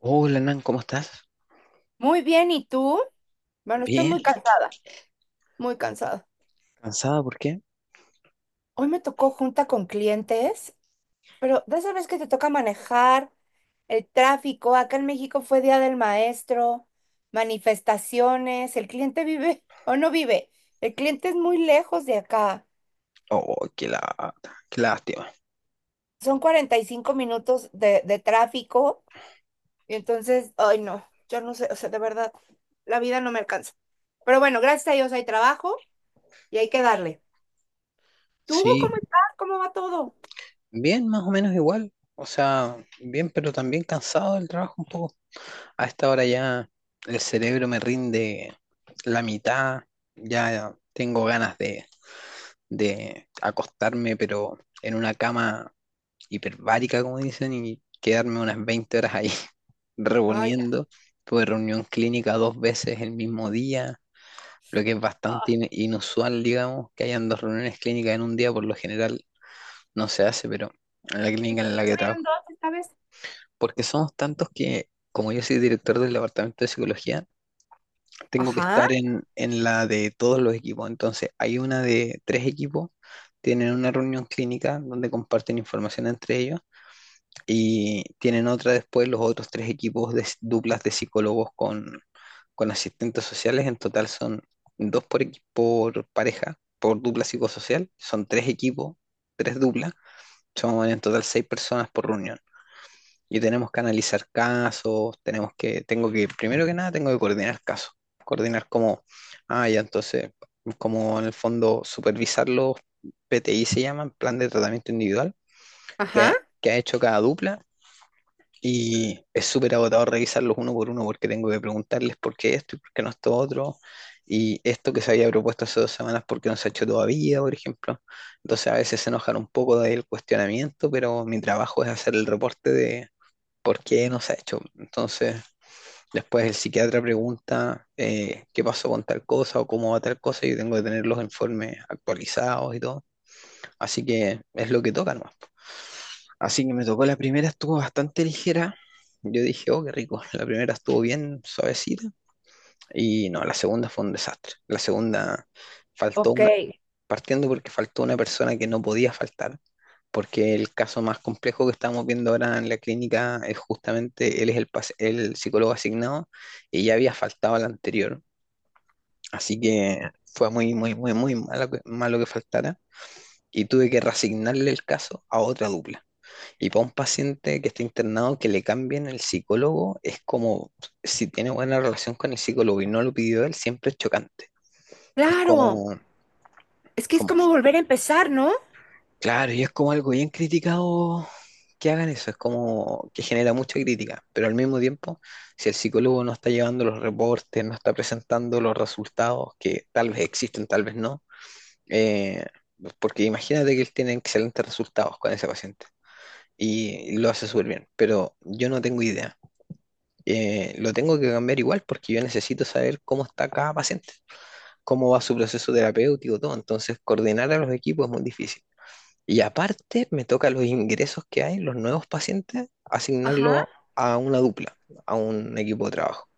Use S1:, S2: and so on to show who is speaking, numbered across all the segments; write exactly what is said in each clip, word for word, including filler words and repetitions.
S1: Hola, Nan, ¿cómo estás?
S2: Muy bien, ¿y tú? Bueno, estoy
S1: Bien,
S2: muy cansada, muy cansada.
S1: ¿cansada por qué?
S2: Hoy me tocó junta con clientes, pero de esa vez que te toca manejar el tráfico, acá en México fue Día del Maestro, manifestaciones, el cliente vive o no vive, el cliente es muy lejos de acá,
S1: Oh, qué la, qué lástima.
S2: son cuarenta y cinco minutos de, de tráfico y entonces, ay no, yo no sé, o sea, de verdad, la vida no me alcanza. Pero bueno, gracias a Dios hay trabajo y hay que darle. ¿Tú
S1: Sí,
S2: cómo estás? ¿Cómo va todo?
S1: bien, más o menos igual. O sea, bien, pero también cansado del trabajo un poco. A esta hora ya el cerebro me rinde la mitad. Ya tengo ganas de, de acostarme, pero en una cama hiperbárica, como dicen, y quedarme unas veinte horas ahí
S2: Ay, ya.
S1: reponiendo. Tuve reunión clínica dos veces el mismo día, lo que es
S2: ay.
S1: bastante in- inusual, digamos, que hayan dos reuniones clínicas en un día, por lo general no se hace, pero en la
S2: ¿Y
S1: clínica
S2: por
S1: en
S2: qué
S1: la que trabajo,
S2: tuvieron dos esta vez?
S1: porque somos tantos que, como yo soy director del departamento de psicología, tengo que
S2: Ajá,
S1: estar en, en la de todos los equipos. Entonces hay una de tres equipos, tienen una reunión clínica donde comparten información entre ellos. Y tienen otra después los otros tres equipos de s- duplas de psicólogos con, con asistentes sociales. En total son dos por equipo, por pareja, por dupla psicosocial. Son tres equipos, tres duplas. Son en total seis personas por reunión. Y tenemos que analizar casos, tenemos que, tengo que, primero que nada, tengo que coordinar casos. Coordinar como, ah, ya entonces, como en el fondo supervisar los P T I se llaman, plan de tratamiento individual,
S2: ajá.
S1: que, que ha hecho cada dupla, y es súper agotador revisarlos uno por uno porque tengo que preguntarles por qué esto y por qué no esto otro. Y esto que se había propuesto hace dos semanas, ¿por qué no se ha hecho todavía, por ejemplo? Entonces a veces se enojan un poco del cuestionamiento, pero mi trabajo es hacer el reporte de por qué no se ha hecho. Entonces después el psiquiatra pregunta eh, qué pasó con tal cosa o cómo va tal cosa, y yo tengo que tener los informes actualizados y todo. Así que es lo que toca nomás. Así que me tocó la primera, estuvo bastante ligera. Yo dije, oh, qué rico. La primera estuvo bien suavecita. Y no, la segunda fue un desastre. La segunda faltó
S2: Ok.
S1: una, partiendo porque faltó una persona que no podía faltar, porque el caso más complejo que estamos viendo ahora en la clínica es justamente, él es el, pas- el psicólogo asignado y ya había faltado al anterior. Así que fue muy, muy, muy, muy malo que, malo que faltara, y tuve que reasignarle el caso a otra dupla. Y para un paciente que está internado, que le cambien el psicólogo, es como si tiene buena relación con el psicólogo y no lo pidió él, siempre es chocante. Es
S2: Claro,
S1: como,
S2: es que es
S1: como,
S2: como volver a empezar, ¿no?
S1: claro, y es como algo bien criticado que hagan eso, es como que genera mucha crítica, pero al mismo tiempo, si el psicólogo no está llevando los reportes, no está presentando los resultados, que tal vez existen, tal vez no, eh, porque imagínate que él tiene excelentes resultados con ese paciente y lo hace súper bien, pero yo no tengo idea. Eh, lo tengo que cambiar igual porque yo necesito saber cómo está cada paciente, cómo va su proceso terapéutico, todo. Entonces, coordinar a los equipos es muy difícil. Y aparte, me toca los ingresos que hay, los nuevos pacientes,
S2: Ajá.
S1: asignarlos a una dupla, a un equipo de trabajo.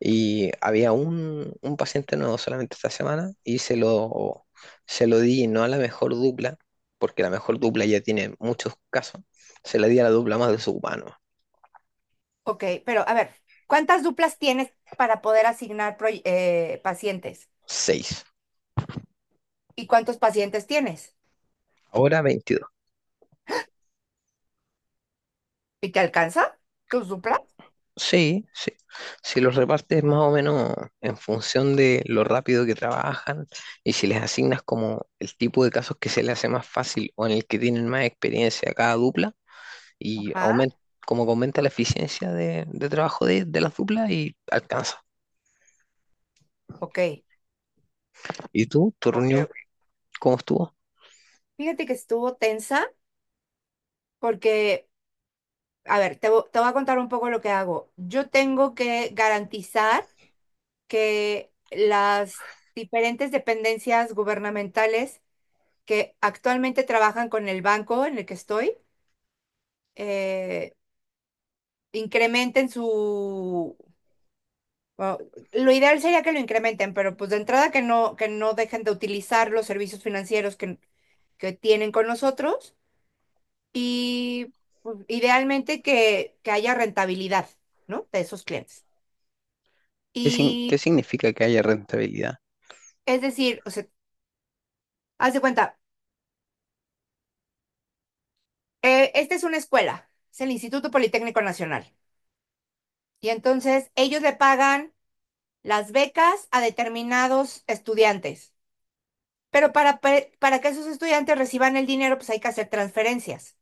S1: Y había un, un paciente nuevo solamente esta semana, y se lo, se lo di no a la mejor dupla, porque la mejor dupla ya tiene muchos casos, se la di a la dupla más de su humano.
S2: Ok, pero a ver, ¿cuántas duplas tienes para poder asignar proy- eh, pacientes?
S1: seis.
S2: ¿Y cuántos pacientes tienes?
S1: Ahora veintidós.
S2: ¿Y te alcanza tus duplas?
S1: Sí, sí. Si los repartes más o menos en función de lo rápido que trabajan y si les asignas como el tipo de casos que se les hace más fácil o en el que tienen más experiencia a cada dupla, y
S2: Ajá,
S1: aumenta, como que aumenta la eficiencia de, de trabajo de, de las duplas y alcanza.
S2: ok,
S1: ¿Y tú, tu
S2: ok,
S1: reunión,
S2: ok.
S1: cómo estuvo?
S2: Fíjate que estuvo tensa porque, a ver, te, vo- te voy a contar un poco lo que hago. Yo tengo que garantizar que las diferentes dependencias gubernamentales que actualmente trabajan con el banco en el que estoy, eh, incrementen su... bueno, lo ideal sería que lo incrementen, pero pues de entrada que no, que no dejen de utilizar los servicios financieros que, que tienen con nosotros y pues, idealmente que, que haya rentabilidad, ¿no? De esos clientes.
S1: ¿Qué, sin-
S2: Y
S1: qué significa que haya rentabilidad?
S2: es decir, o sea, haz de cuenta, Eh, esta es una escuela, es el Instituto Politécnico Nacional. Y entonces ellos le pagan las becas a determinados estudiantes. Pero para, pe- para que esos estudiantes reciban el dinero, pues hay que hacer transferencias.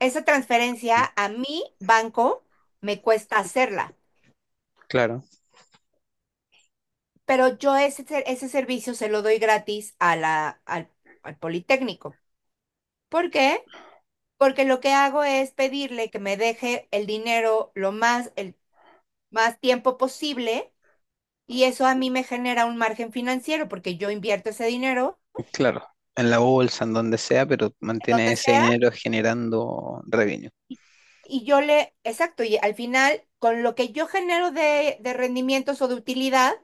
S2: Esa transferencia a mi banco me cuesta hacerla,
S1: Claro,
S2: pero yo ese, ser- ese servicio se lo doy gratis a la, al, al Politécnico. ¿Por qué? Porque lo que hago es pedirle que me deje el dinero lo más, el más tiempo posible. Y eso a mí me genera un margen financiero porque yo invierto ese dinero
S1: claro. En la bolsa, en donde sea, pero mantiene
S2: donde
S1: ese
S2: sea
S1: dinero generando revenue.
S2: y yo le, exacto, y al final con lo que yo genero de, de rendimientos o de utilidad,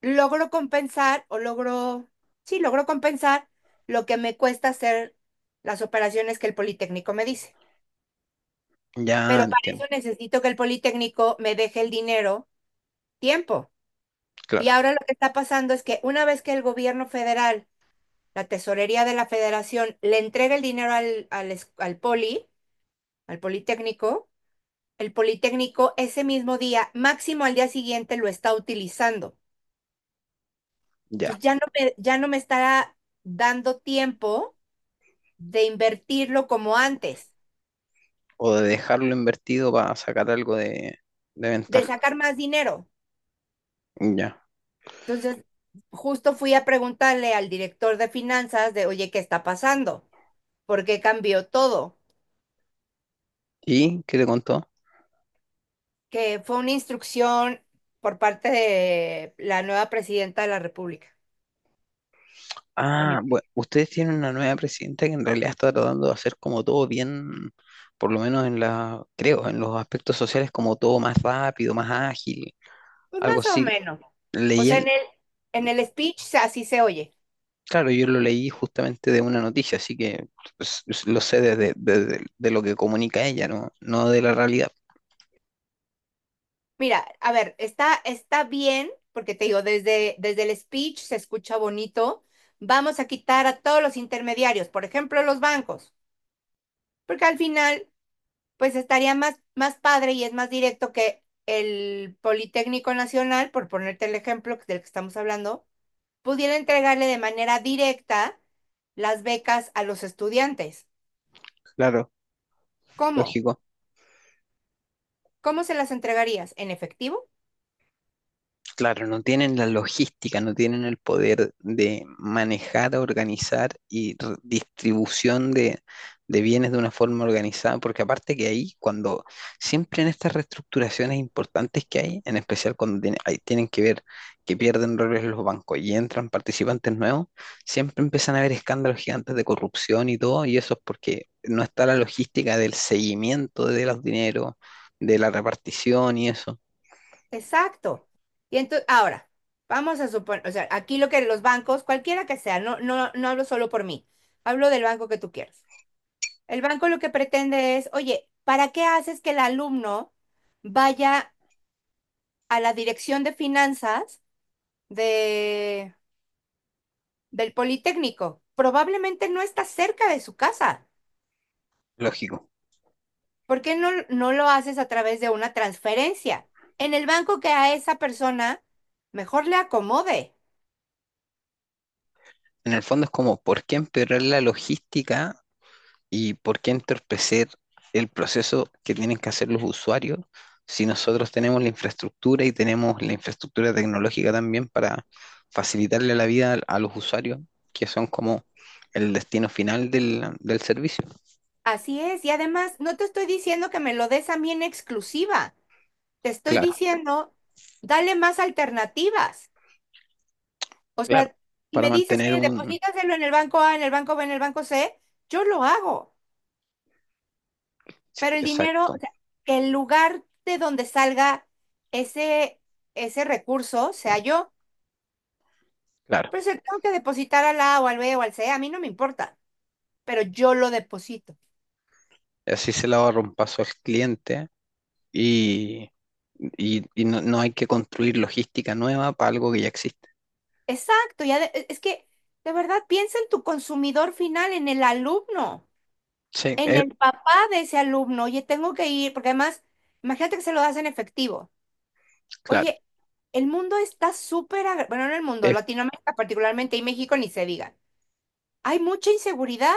S2: logro compensar o logro, sí, logro compensar lo que me cuesta hacer las operaciones que el Politécnico me dice.
S1: Ya
S2: Pero para eso
S1: entiendo,
S2: necesito que el Politécnico me deje el dinero tiempo. Y
S1: claro.
S2: ahora lo que está pasando es que una vez que el gobierno federal, la tesorería de la federación, le entrega el dinero al, al, es- al Poli, al Politécnico, el Politécnico ese mismo día, máximo al día siguiente, lo está utilizando.
S1: Ya,
S2: Entonces ya no me, ya no me estará dando tiempo de invertirlo como antes,
S1: o de dejarlo invertido para sacar algo de, de
S2: de
S1: ventaja.
S2: sacar más dinero.
S1: Ya.
S2: Entonces, justo fui a preguntarle al director de finanzas de, oye, ¿qué está pasando? ¿Por qué cambió todo?
S1: ¿Y qué te contó?
S2: Que fue una instrucción por parte de la nueva presidenta de la República. De
S1: Ah,
S2: mi
S1: bueno, ustedes tienen una nueva presidenta que en realidad está tratando de hacer como todo bien, por lo menos en la, creo, en los aspectos sociales, como todo más rápido, más ágil,
S2: Pues
S1: algo
S2: más o
S1: así.
S2: menos. O
S1: Leí
S2: sea, en
S1: el,
S2: el, en el speech se- así se oye.
S1: claro, yo lo leí justamente de una noticia, así que pues, lo sé desde, desde- de lo que comunica ella, ¿no? No de la realidad.
S2: Mira, a ver, está, está bien, porque te digo, desde, desde el speech se escucha bonito. Vamos a quitar a todos los intermediarios, por ejemplo, los bancos, porque al final, pues estaría más, más padre y es más directo que el Politécnico Nacional, por ponerte el ejemplo del que estamos hablando, pudiera entregarle de manera directa las becas a los estudiantes.
S1: Claro,
S2: ¿Cómo?
S1: lógico.
S2: ¿Cómo se las entregarías? ¿En efectivo?
S1: Claro, no tienen la logística, no tienen el poder de manejar, organizar y r- distribución de, de bienes de una forma organizada, porque aparte que ahí, cuando siempre en estas reestructuraciones importantes que hay, en especial cuando tiene- ahí tienen que ver que pierden roles los bancos y entran participantes nuevos, siempre empiezan a haber escándalos gigantes de corrupción y todo, y eso es porque no está la logística del seguimiento de los dineros, de la repartición y eso.
S2: Exacto. Y entonces, ahora, vamos a suponer, o sea, aquí lo que los bancos, cualquiera que sea, no, no, no hablo solo por mí, hablo del banco que tú quieras. El banco lo que pretende es, oye, ¿para qué haces que el alumno vaya a la dirección de finanzas de, del Politécnico? Probablemente no está cerca de su casa.
S1: Lógico.
S2: ¿Por qué no, no lo haces a través de una transferencia? En el banco que a esa persona mejor le acomode.
S1: En el fondo es como, ¿por qué empeorar la logística y por qué entorpecer el proceso que tienen que hacer los usuarios si nosotros tenemos la infraestructura, y tenemos la infraestructura tecnológica también para facilitarle la vida al- a los usuarios, que son como el destino final del, del servicio?
S2: Así es, y además no te estoy diciendo que me lo des a mí en exclusiva, te estoy
S1: Claro,
S2: diciendo, dale más alternativas. O
S1: claro.
S2: sea, si
S1: Para
S2: me dices,
S1: mantener
S2: mire,
S1: un...
S2: deposítaselo en el banco A, en el banco B, en el banco C, yo lo hago,
S1: sí,
S2: pero el dinero, o
S1: exacto,
S2: sea, que el lugar de donde salga ese, ese recurso sea yo,
S1: claro.
S2: pero si tengo que depositar al A o al B o al C, a mí no me importa, pero yo lo deposito.
S1: Así se le ahorra un paso al cliente, y, y, y no no hay que construir logística nueva para algo que ya existe.
S2: Exacto, ya es que de verdad piensa en tu consumidor final, en el alumno,
S1: Sí,
S2: en
S1: es-
S2: el papá de ese alumno, oye, tengo que ir, porque además, imagínate que se lo das en efectivo.
S1: claro,
S2: Oye, el mundo está súper, agra- bueno, no el mundo,
S1: es,
S2: Latinoamérica particularmente y México ni se diga. Hay mucha inseguridad.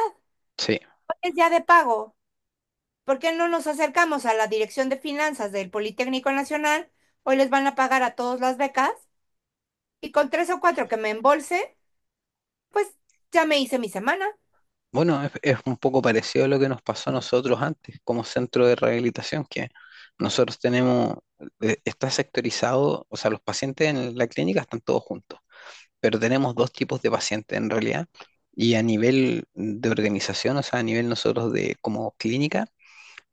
S1: sí.
S2: Es ya de pago. ¿Por qué no nos acercamos a la Dirección de Finanzas del Politécnico Nacional? Hoy les van a pagar a todos las becas y con tres o cuatro que me embolse, pues ya me hice mi semana.
S1: Bueno, es, es un poco parecido a lo que nos pasó a nosotros antes como centro de rehabilitación, que nosotros tenemos, eh, está sectorizado, o sea, los pacientes en la clínica están todos juntos, pero tenemos dos tipos de pacientes en realidad, y a nivel de organización, o sea, a nivel nosotros de como clínica,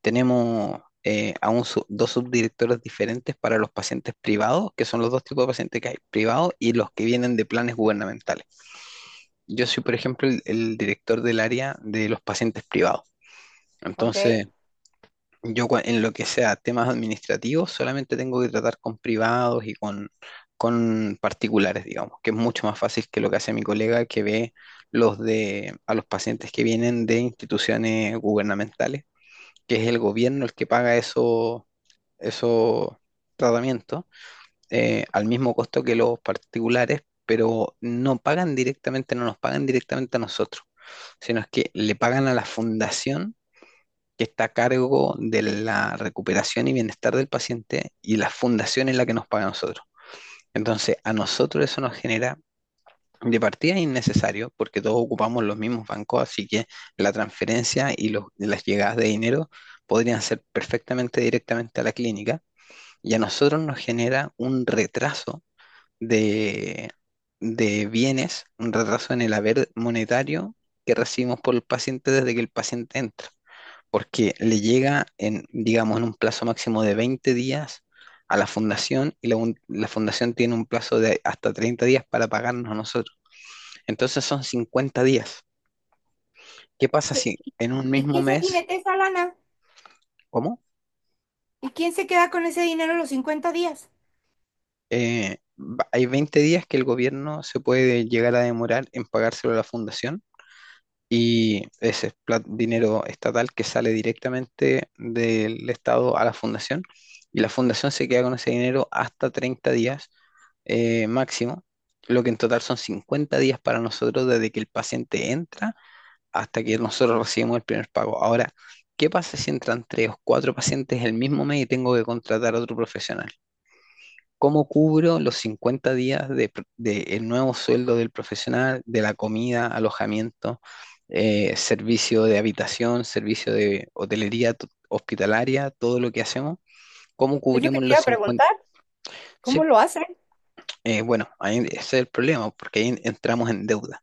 S1: tenemos eh, a un sub- dos subdirectores diferentes para los pacientes privados, que son los dos tipos de pacientes que hay, privados y los que vienen de planes gubernamentales. Yo soy, por ejemplo, el, el director del área de los pacientes privados.
S2: ¿Ok?
S1: Entonces, yo cua- en lo que sea temas administrativos, solamente tengo que tratar con privados y con, con particulares, digamos, que es mucho más fácil que lo que hace mi colega que ve los de, a los pacientes que vienen de instituciones gubernamentales, que es el gobierno el que paga eso- esos tratamientos eh, al mismo costo que los particulares, pero no pagan directamente, no nos pagan directamente a nosotros, sino es que le pagan a la fundación que está a cargo de la recuperación y bienestar del paciente, y la fundación es la que nos paga a nosotros. Entonces, a nosotros eso nos genera de partida innecesario porque todos ocupamos los mismos bancos, así que la transferencia y los- las llegadas de dinero podrían ser perfectamente directamente a la clínica, y a nosotros nos genera un retraso de, de bienes, un retraso en el haber monetario que recibimos por el paciente desde que el paciente entra, porque le llega en, digamos, en un plazo máximo de veinte días a la fundación, y la, un- la fundación tiene un plazo de hasta treinta días para pagarnos a nosotros. Entonces son cincuenta días. ¿Qué pasa
S2: ¿Y
S1: si en un
S2: y
S1: mismo
S2: quién se
S1: mes,
S2: jinete esa lana?
S1: ¿cómo?
S2: ¿Y quién se queda con ese dinero los cincuenta días?
S1: Eh, va- hay veinte días que el gobierno se puede llegar a demorar en pagárselo a la fundación. Y ese es plat- dinero estatal que sale directamente del Estado a la fundación. Y la fundación se queda con ese dinero hasta treinta días eh, máximo, lo que en total son cincuenta días para nosotros desde que el paciente entra hasta que nosotros recibimos el primer pago. Ahora, ¿qué pasa si entran tres o cuatro pacientes el mismo mes y tengo que contratar a otro profesional? ¿Cómo cubro los cincuenta días de, pr- de el nuevo sueldo del profesional, de la comida, alojamiento, eh, servicio de habitación, servicio de hotelería t- hospitalaria, todo lo que hacemos? ¿Cómo
S2: Es lo que
S1: cubrimos
S2: te iba
S1: los
S2: a
S1: cincuenta?
S2: preguntar. ¿Cómo
S1: Sí,
S2: lo hacen?
S1: eh, bueno, ahí ese es el problema, porque ahí entramos en deuda.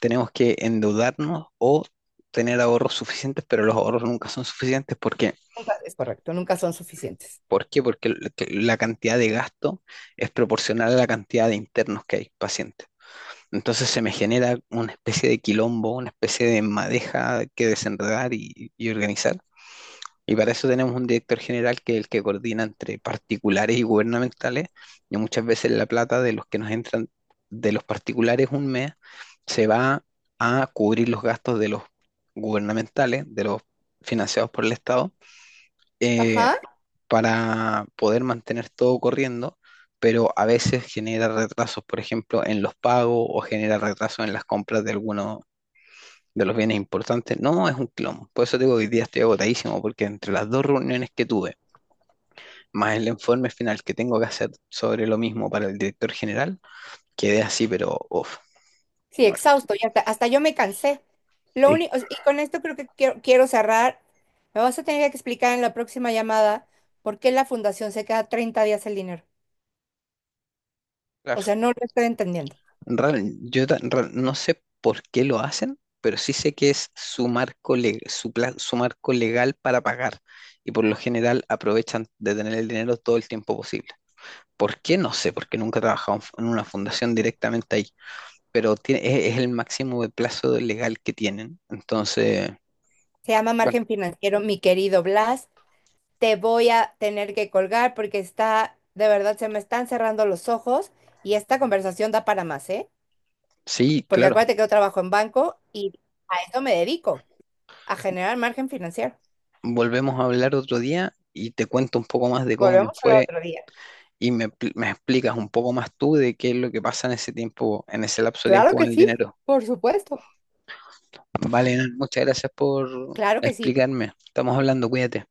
S1: Tenemos que endeudarnos o tener ahorros suficientes, pero los ahorros nunca son suficientes porque...
S2: Nunca- es correcto, nunca son suficientes.
S1: ¿Por qué? Porque l- que la cantidad de gasto es proporcional a la cantidad de internos que hay, pacientes. Entonces se me genera una especie de quilombo, una especie de madeja que desenredar y, y organizar. Y para eso tenemos un director general que es el que coordina entre particulares y gubernamentales. Y muchas veces la plata de los que nos entran de los particulares un mes se va a cubrir los gastos de los gubernamentales, de los financiados por el Estado, eh,
S2: Ajá.
S1: para poder mantener todo corriendo, pero a veces genera retrasos, por ejemplo, en los pagos o genera retrasos en las compras de algunos de los bienes importantes. No, es un clon. Por eso te digo que hoy día estoy agotadísimo, porque entre las dos reuniones que tuve, más el informe final que tengo que hacer sobre lo mismo para el director general, quedé así, pero uff,
S2: Sí,
S1: muerto.
S2: exhausto. Y hasta, hasta yo me cansé. Lo
S1: Sí.
S2: único, y con esto creo que quiero, quiero cerrar. Me vas a tener que explicar en la próxima llamada por qué la fundación se queda treinta días el dinero. O
S1: Claro,
S2: sea, no lo estoy entendiendo.
S1: Real- yo ta- real- no sé por qué lo hacen, pero sí sé que es su marco, le- su, pla- su marco legal para pagar, y por lo general aprovechan de tener el dinero todo el tiempo posible. ¿Por qué? No sé, porque nunca he trabajado en fu- en una fundación directamente ahí, pero tiene- es, es el máximo de plazo legal que tienen. Entonces,
S2: Se llama
S1: bueno,
S2: margen financiero, mi querido Blas. Te voy a tener que colgar porque está, de verdad, se me están cerrando los ojos y esta conversación da para más, ¿eh?
S1: sí,
S2: Porque
S1: claro,
S2: acuérdate que yo trabajo en banco y a eso me dedico, a generar margen financiero.
S1: volvemos a hablar otro día y te cuento un poco más de cómo me
S2: Volvemos al
S1: fue.
S2: otro día.
S1: Y me, pl- me explicas un poco más tú de qué es lo que pasa en ese tiempo, en ese lapso de
S2: Claro
S1: tiempo
S2: que
S1: con el
S2: sí,
S1: dinero.
S2: por supuesto.
S1: Vale, Nan, muchas gracias por
S2: Claro que sí.
S1: explicarme. Estamos hablando, cuídate.